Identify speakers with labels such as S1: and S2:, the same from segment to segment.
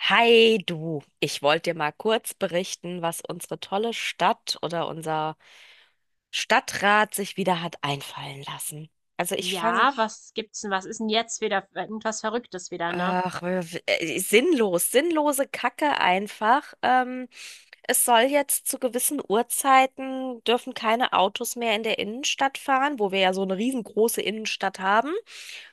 S1: Hi du, ich wollte dir mal kurz berichten, was unsere tolle Stadt oder unser Stadtrat sich wieder hat einfallen lassen. Also ich fange,
S2: Ja, was gibt's denn? Was ist denn jetzt wieder irgendwas Verrücktes wieder, ne?
S1: ach, sinnlose Kacke einfach. Es soll jetzt zu gewissen Uhrzeiten dürfen keine Autos mehr in der Innenstadt fahren, wo wir ja so eine riesengroße Innenstadt haben.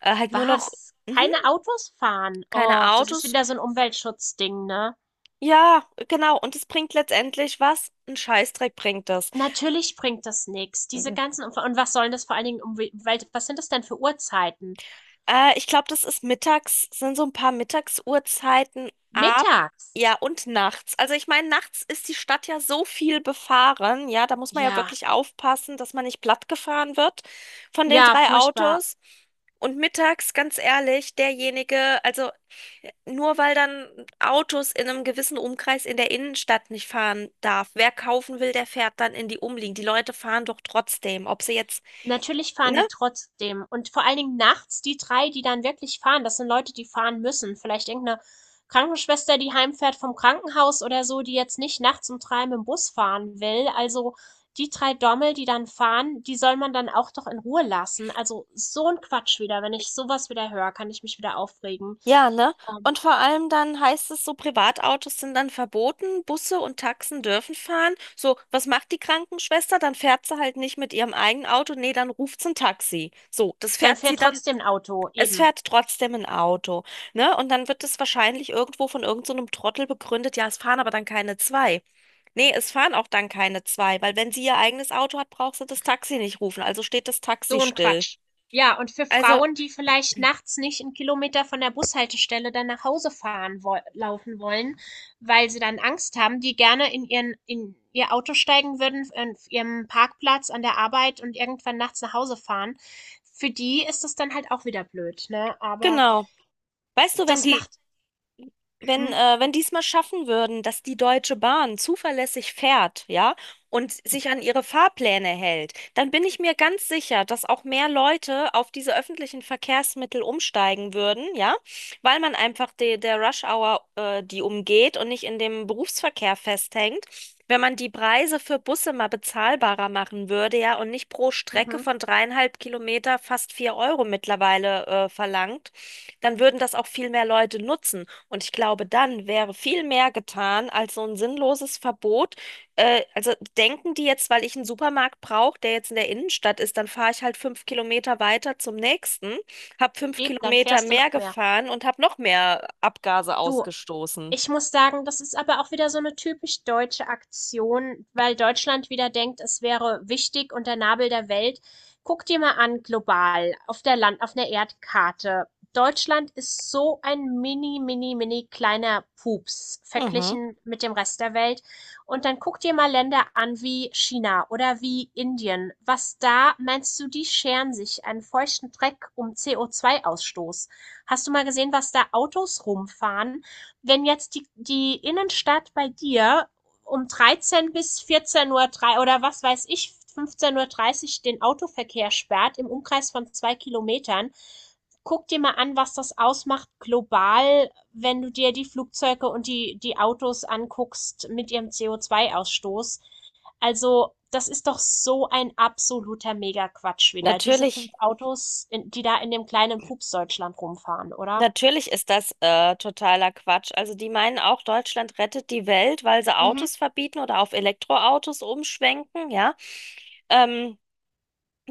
S1: Halt nur noch,
S2: Was?
S1: mhm,
S2: Keine Autos fahren?
S1: keine
S2: Oh, das ist
S1: Autos.
S2: wieder so ein Umweltschutzding, ne?
S1: Ja, genau. Und es bringt letztendlich was? Ein Scheißdreck bringt das.
S2: Natürlich bringt das nichts. Diese ganzen und was sollen das vor allen Dingen um was sind das denn für Uhrzeiten?
S1: Ich glaube, das ist mittags, sind so ein paar Mittagsuhrzeiten ab, ja,
S2: Mittags.
S1: und nachts. Also ich meine, nachts ist die Stadt ja so viel befahren, ja, da muss man ja
S2: Ja,
S1: wirklich aufpassen, dass man nicht plattgefahren wird von den
S2: ja,
S1: drei
S2: furchtbar.
S1: Autos. Und mittags, ganz ehrlich, derjenige, also nur weil dann Autos in einem gewissen Umkreis in der Innenstadt nicht fahren darf, wer kaufen will, der fährt dann in die Umliegend. Die Leute fahren doch trotzdem, ob sie jetzt,
S2: Natürlich fahren
S1: ne?
S2: die trotzdem. Und vor allen Dingen nachts die 3, die dann wirklich fahren, das sind Leute, die fahren müssen. Vielleicht irgendeine Krankenschwester, die heimfährt vom Krankenhaus oder so, die jetzt nicht nachts um 3 mit'm Bus fahren will. Also, die 3 Dommel, die dann fahren, die soll man dann auch doch in Ruhe lassen. Also, so ein Quatsch wieder. Wenn ich sowas wieder höre, kann ich mich wieder aufregen.
S1: Ja, ne?
S2: Ähm,
S1: Und vor allem dann heißt es so, Privatautos sind dann verboten, Busse und Taxen dürfen fahren. So, was macht die Krankenschwester? Dann fährt sie halt nicht mit ihrem eigenen Auto, nee, dann ruft sie ein Taxi. So, das
S2: Dann
S1: fährt sie
S2: fährt
S1: dann,
S2: trotzdem ein Auto,
S1: es
S2: eben.
S1: fährt trotzdem ein Auto, ne? Und dann wird es wahrscheinlich irgendwo von irgend so einem Trottel begründet, ja, es fahren aber dann keine zwei. Nee, es fahren auch dann keine zwei, weil wenn sie ihr eigenes Auto hat, braucht sie das Taxi nicht rufen, also steht das Taxi
S2: So ein
S1: still.
S2: Quatsch. Ja, und für
S1: Also,
S2: Frauen, die vielleicht nachts nicht 'n Kilometer von der Bushaltestelle dann nach Hause fahren woll laufen wollen, weil sie dann Angst haben, die gerne in ihr Auto steigen würden, an ihrem Parkplatz an der Arbeit und irgendwann nachts nach Hause fahren. Für die ist das dann halt auch wieder blöd, ne? Aber
S1: genau. Weißt du,
S2: das macht mhm,
S1: wenn die es mal schaffen würden, dass die Deutsche Bahn zuverlässig fährt, ja, und sich an ihre Fahrpläne hält, dann bin ich mir ganz sicher, dass auch mehr Leute auf diese öffentlichen Verkehrsmittel umsteigen würden, ja, weil man einfach der Rush Hour, die umgeht und nicht in dem Berufsverkehr festhängt. Wenn man die Preise für Busse mal bezahlbarer machen würde, ja, und nicht pro Strecke
S2: mhm.
S1: von 3,5 Kilometer fast 4 € mittlerweile, verlangt, dann würden das auch viel mehr Leute nutzen. Und ich glaube, dann wäre viel mehr getan als so ein sinnloses Verbot. Also denken die jetzt, weil ich einen Supermarkt brauche, der jetzt in der Innenstadt ist, dann fahre ich halt 5 Kilometer weiter zum nächsten, habe fünf
S2: Eben, dann
S1: Kilometer
S2: fährst du
S1: mehr
S2: noch mehr.
S1: gefahren und habe noch mehr Abgase
S2: Du
S1: ausgestoßen.
S2: Ich muss sagen, das ist aber auch wieder so eine typisch deutsche Aktion, weil Deutschland wieder denkt, es wäre wichtig und der Nabel der Welt. Guck dir mal an global auf der Land auf 'ner Erdkarte. Deutschland ist so ein mini, mini, mini kleiner Pups
S1: Mhm.
S2: verglichen mit dem Rest der Welt. Und dann guck dir mal Länder an wie China oder wie Indien. Was da meinst du, die scheren sich einen feuchten Dreck um CO2-Ausstoß? Hast du mal gesehen, was da Autos rumfahren? Wenn jetzt die Innenstadt bei dir um 13 bis 14 Uhr oder was weiß ich, 15:30 Uhr den Autoverkehr sperrt im Umkreis von 2 Kilometern, guck dir mal an, was das ausmacht global, wenn du dir die Flugzeuge und die Autos anguckst mit ihrem CO2-Ausstoß. Also, das ist doch so ein absoluter Mega-Quatsch wieder. Diese fünf
S1: Natürlich,
S2: Autos, die da in dem kleinen Pups Deutschland rumfahren, oder?
S1: natürlich ist das totaler Quatsch. Also die meinen auch, Deutschland rettet die Welt, weil sie
S2: Mhm.
S1: Autos verbieten oder auf Elektroautos umschwenken, ja. Ähm,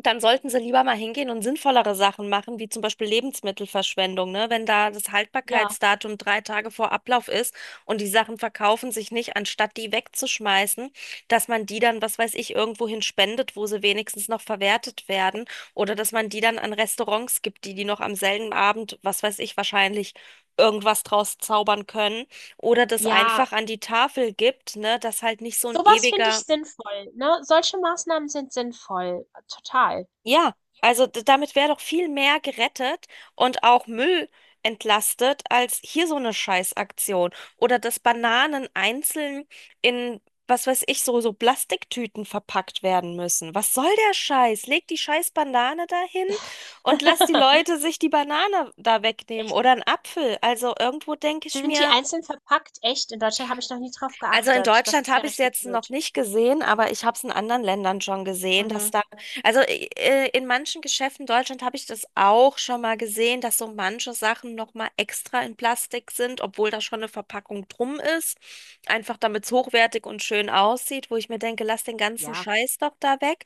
S1: Dann sollten sie lieber mal hingehen und sinnvollere Sachen machen, wie zum Beispiel Lebensmittelverschwendung, ne? Wenn da das
S2: Ja.
S1: Haltbarkeitsdatum 3 Tage vor Ablauf ist und die Sachen verkaufen sich nicht, anstatt die wegzuschmeißen, dass man die dann, was weiß ich, irgendwohin spendet, wo sie wenigstens noch verwertet werden oder dass man die dann an Restaurants gibt, die die noch am selben Abend, was weiß ich, wahrscheinlich irgendwas draus zaubern können oder das
S2: Ja,
S1: einfach an die Tafel gibt, ne? Dass halt nicht so ein
S2: sowas finde ich
S1: ewiger.
S2: sinnvoll, ne? Solche Maßnahmen sind sinnvoll, total.
S1: Ja, also damit wäre doch viel mehr gerettet und auch Müll entlastet als hier so eine Scheißaktion. Oder dass Bananen einzeln in, was weiß ich, so, so Plastiktüten verpackt werden müssen. Was soll der Scheiß? Leg die scheiß Banane dahin und lass die Leute sich die Banane da wegnehmen
S2: Echt,
S1: oder einen Apfel. Also irgendwo denke ich
S2: sind die
S1: mir,
S2: einzeln verpackt? Echt? In Deutschland habe ich noch nie drauf
S1: also in
S2: geachtet. Das
S1: Deutschland
S2: ist ja
S1: habe ich es
S2: richtig
S1: jetzt noch
S2: blöd.
S1: nicht gesehen, aber ich habe es in anderen Ländern schon gesehen, dass
S2: Mhm.
S1: da, also in manchen Geschäften in Deutschland habe ich das auch schon mal gesehen, dass so manche Sachen nochmal extra in Plastik sind, obwohl da schon eine Verpackung drum ist, einfach damit es hochwertig und schön aussieht, wo ich mir denke, lass den ganzen
S2: Ja.
S1: Scheiß doch da weg.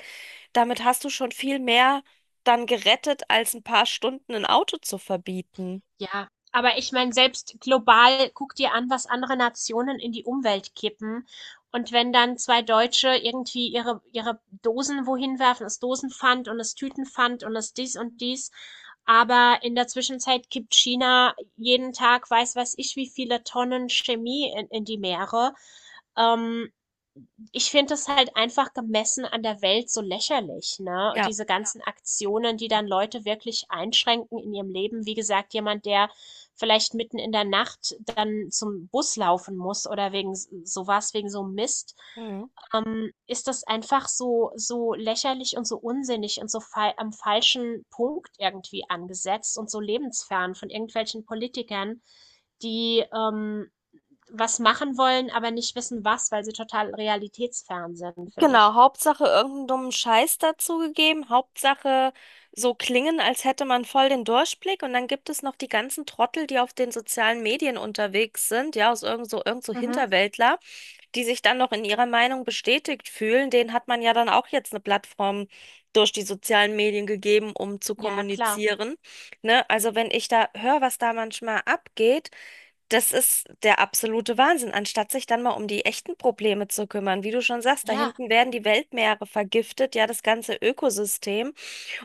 S1: Damit hast du schon viel mehr dann gerettet, als ein paar Stunden ein Auto zu verbieten.
S2: Ja, aber ich meine, selbst global guck dir an, was andere Nationen in die Umwelt kippen. Und wenn dann zwei Deutsche irgendwie ihre Dosen wohin werfen, das Dosenpfand und das Tütenpfand und das dies und dies. Aber in der Zwischenzeit kippt China jeden Tag, weiß ich, wie viele Tonnen Chemie in die Meere. Ähm, Ich finde es halt einfach gemessen an der Welt so lächerlich, ne? Und
S1: Ja.
S2: diese ganzen Aktionen, die dann Leute wirklich einschränken in ihrem Leben. Wie gesagt, jemand, der vielleicht mitten in der Nacht dann zum Bus laufen muss oder sowas, wegen so Mist,
S1: Mhm.
S2: ist das einfach so, so lächerlich und so unsinnig und so fa am falschen Punkt irgendwie angesetzt und so lebensfern von irgendwelchen Politikern, die, was machen wollen, aber nicht wissen, was, weil sie total realitätsfern sind, finde ich.
S1: Genau, Hauptsache irgendeinen dummen Scheiß dazugegeben. Hauptsache so klingen, als hätte man voll den Durchblick. Und dann gibt es noch die ganzen Trottel, die auf den sozialen Medien unterwegs sind, ja, aus irgend so
S2: Mhm.
S1: Hinterwäldler, die sich dann noch in ihrer Meinung bestätigt fühlen. Denen hat man ja dann auch jetzt eine Plattform durch die sozialen Medien gegeben, um zu
S2: Ja, klar.
S1: kommunizieren. Ne? Also wenn ich da höre, was da manchmal abgeht, das ist der absolute Wahnsinn, anstatt sich dann mal um die echten Probleme zu kümmern. Wie du schon sagst, da
S2: Ja.
S1: hinten werden die Weltmeere vergiftet, ja, das ganze Ökosystem.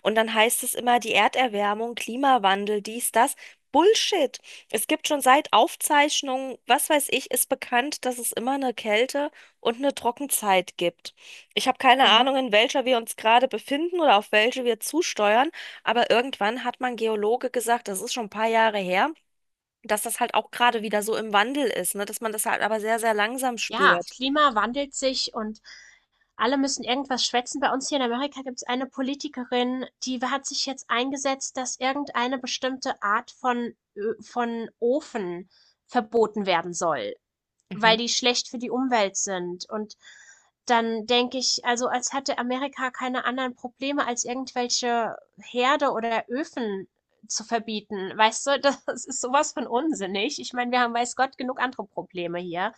S1: Und dann heißt es immer, die Erderwärmung, Klimawandel, dies, das. Bullshit. Es gibt schon seit Aufzeichnungen, was weiß ich, ist bekannt, dass es immer eine Kälte und eine Trockenzeit gibt. Ich habe keine
S2: Mhm.
S1: Ahnung, in welcher wir uns gerade befinden oder auf welche wir zusteuern, aber irgendwann hat man Geologe gesagt, das ist schon ein paar Jahre her, dass das halt auch gerade wieder so im Wandel ist, ne? Dass man das halt aber sehr, sehr langsam
S2: Ja,
S1: spürt.
S2: Klima wandelt sich und alle müssen irgendwas schwätzen. Bei uns hier in Amerika gibt es eine Politikerin, die hat sich jetzt eingesetzt, dass irgendeine bestimmte Art von Ö von Ofen verboten werden soll,
S1: Mhm.
S2: weil die schlecht für die Umwelt sind. Und dann denke ich, also als hätte Amerika keine anderen Probleme, als irgendwelche Herde oder Öfen zu verbieten. Weißt du, das ist sowas von unsinnig. Ich meine, wir haben weiß Gott genug andere Probleme hier.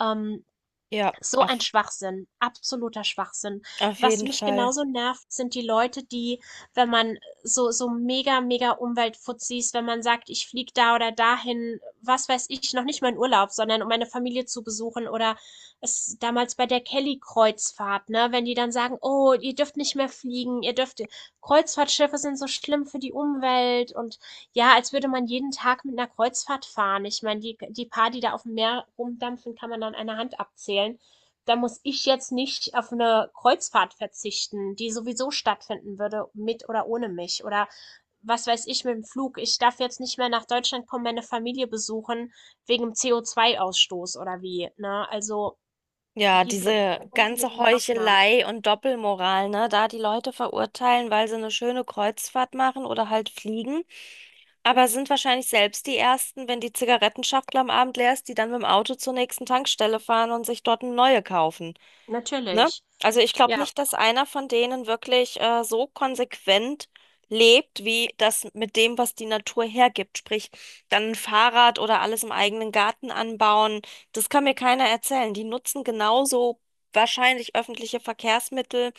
S2: Ähm,
S1: Ja,
S2: so ein Schwachsinn, absoluter Schwachsinn.
S1: auf
S2: Was
S1: jeden
S2: mich
S1: Fall.
S2: genauso nervt, sind die Leute, die, wenn man so, so mega, mega Umweltfuzis, wenn man sagt, ich fliege da oder dahin, was weiß ich, noch nicht mal in Urlaub, sondern um meine Familie zu besuchen oder es damals bei der Kelly-Kreuzfahrt, ne, wenn die dann sagen, oh, ihr dürft nicht mehr fliegen, ihr dürft, Kreuzfahrtschiffe sind so schlimm für die Umwelt und ja, als würde man jeden Tag mit einer Kreuzfahrt fahren. Ich meine, die, die paar, die da auf dem Meer rumdampfen, kann man an einer Hand abzählen. Da muss ich jetzt nicht auf eine Kreuzfahrt verzichten, die sowieso stattfinden würde, mit oder ohne mich. Oder was weiß ich mit dem Flug. Ich darf jetzt nicht mehr nach Deutschland kommen, meine Familie besuchen, wegen dem CO2-Ausstoß oder wie. Ne? Also
S1: Ja,
S2: diese
S1: diese ganze
S2: unsinnigen Maßnahmen.
S1: Heuchelei und Doppelmoral, ne? Da die Leute verurteilen, weil sie eine schöne Kreuzfahrt machen oder halt fliegen. Aber sind wahrscheinlich selbst die Ersten, wenn die Zigarettenschachtel am Abend leer ist, die dann mit dem Auto zur nächsten Tankstelle fahren und sich dort eine neue kaufen. Ne?
S2: Natürlich.
S1: Also ich glaube
S2: Ja.
S1: nicht, dass einer von denen wirklich so konsequent lebt, wie das mit dem, was die Natur hergibt. Sprich, dann ein Fahrrad oder alles im eigenen Garten anbauen. Das kann mir keiner erzählen. Die nutzen genauso wahrscheinlich öffentliche Verkehrsmittel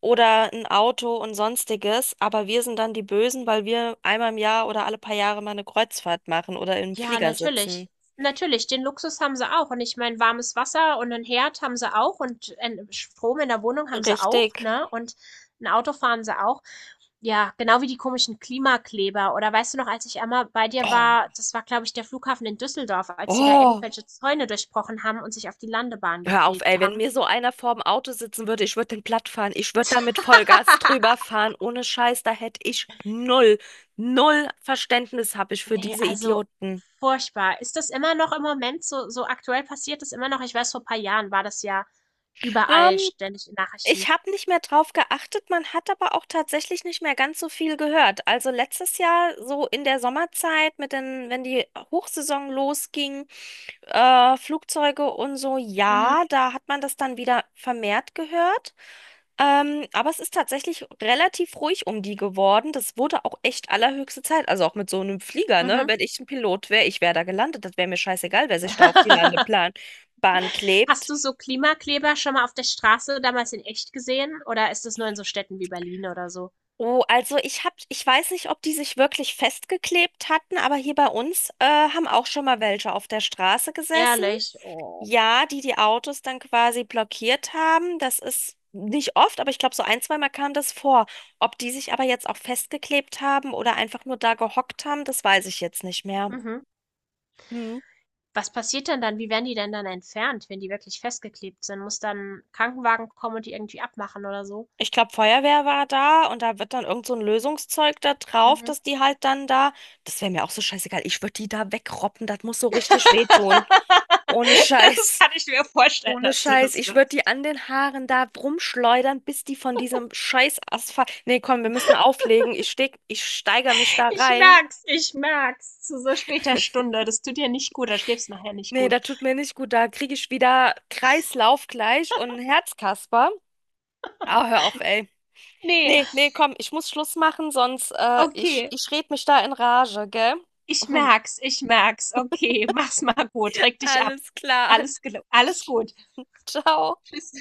S1: oder ein Auto und sonstiges. Aber wir sind dann die Bösen, weil wir einmal im Jahr oder alle paar Jahre mal eine Kreuzfahrt machen oder im
S2: Ja,
S1: Flieger sitzen.
S2: natürlich. Natürlich, den Luxus haben sie auch. Und ich meine, warmes Wasser und einen Herd haben sie auch und ein Strom in der Wohnung haben sie auch,
S1: Richtig.
S2: ne? Und ein Auto fahren sie auch. Ja, genau wie die komischen Klimakleber. Oder weißt du noch, als ich einmal bei dir
S1: Oh.
S2: war, das war, glaube ich, der Flughafen in Düsseldorf, als die da
S1: Oh.
S2: irgendwelche Zäune durchbrochen haben und sich auf die Landebahn
S1: Hör auf, ey,
S2: geklebt
S1: wenn
S2: haben.
S1: mir so einer vorm Auto sitzen würde, ich würde den platt fahren. Ich würde da mit Vollgas drüber fahren. Ohne Scheiß, da hätte ich null, null Verständnis habe ich für
S2: Nee,
S1: diese
S2: also
S1: Idioten.
S2: furchtbar. Ist das immer noch im Moment so aktuell, passiert das immer noch? Ich weiß, vor ein paar Jahren war das ja überall
S1: Ähm,
S2: ständig in
S1: Ich
S2: Nachrichten.
S1: habe nicht mehr drauf geachtet. Man hat aber auch tatsächlich nicht mehr ganz so viel gehört. Also letztes Jahr so in der Sommerzeit mit den, wenn die Hochsaison losging, Flugzeuge und so,
S2: Mhm,
S1: ja, da hat man das dann wieder vermehrt gehört. Aber es ist tatsächlich relativ ruhig um die geworden. Das wurde auch echt allerhöchste Zeit. Also auch mit so einem Flieger, ne?
S2: mhm.
S1: Wenn ich ein Pilot wäre, ich wäre da gelandet. Das wäre mir scheißegal, wer sich da auf die Landeplan Bahn
S2: Hast
S1: klebt.
S2: du so Klimakleber schon mal auf der Straße damals in echt gesehen oder ist das nur in so Städten wie Berlin oder so?
S1: Oh, also ich hab, ich weiß nicht, ob die sich wirklich festgeklebt hatten, aber hier bei uns haben auch schon mal welche auf der Straße gesessen.
S2: Ehrlich? Oh.
S1: Ja, die die Autos dann quasi blockiert haben, das ist nicht oft, aber ich glaube, so ein, zweimal kam das vor. Ob die sich aber jetzt auch festgeklebt haben oder einfach nur da gehockt haben, das weiß ich jetzt nicht mehr.
S2: Mhm.
S1: Hm.
S2: Was passiert denn dann? Wie werden die denn dann entfernt, wenn die wirklich festgeklebt sind? Muss dann 'n Krankenwagen kommen und die irgendwie abmachen oder so?
S1: Ich glaube, Feuerwehr war da und da wird dann irgend so ein Lösungszeug da drauf,
S2: Mhm.
S1: dass die halt dann da, das wäre mir auch so scheißegal, ich würde die da wegroppen, das muss so richtig wehtun. Ohne
S2: Das
S1: Scheiß.
S2: kann ich mir vorstellen,
S1: Ohne
S2: dass du
S1: Scheiß,
S2: das
S1: ich würde die
S2: machst.
S1: an den Haaren da rumschleudern, bis die von diesem scheiß Asphalt. Nee, komm, wir müssen auflegen. Ich steigere mich da
S2: Ich
S1: rein.
S2: merk's, ich merk's. Zu so später Stunde. Das tut dir nicht gut, da schläfst nachher nicht
S1: Nee,
S2: gut.
S1: da tut mir nicht gut. Da kriege ich wieder Kreislauf gleich und einen Herzkasper. Ah, hör auf, ey.
S2: Nee,
S1: Nee, nee, komm, ich muss Schluss machen, sonst
S2: okay.
S1: ich red mich da in Rage, gell?
S2: Ich merk's, ich merk's. Okay, mach's mal gut. Reg dich ab.
S1: Alles klar.
S2: Alles, gel- alles gut.
S1: Ciao.
S2: Tschüss.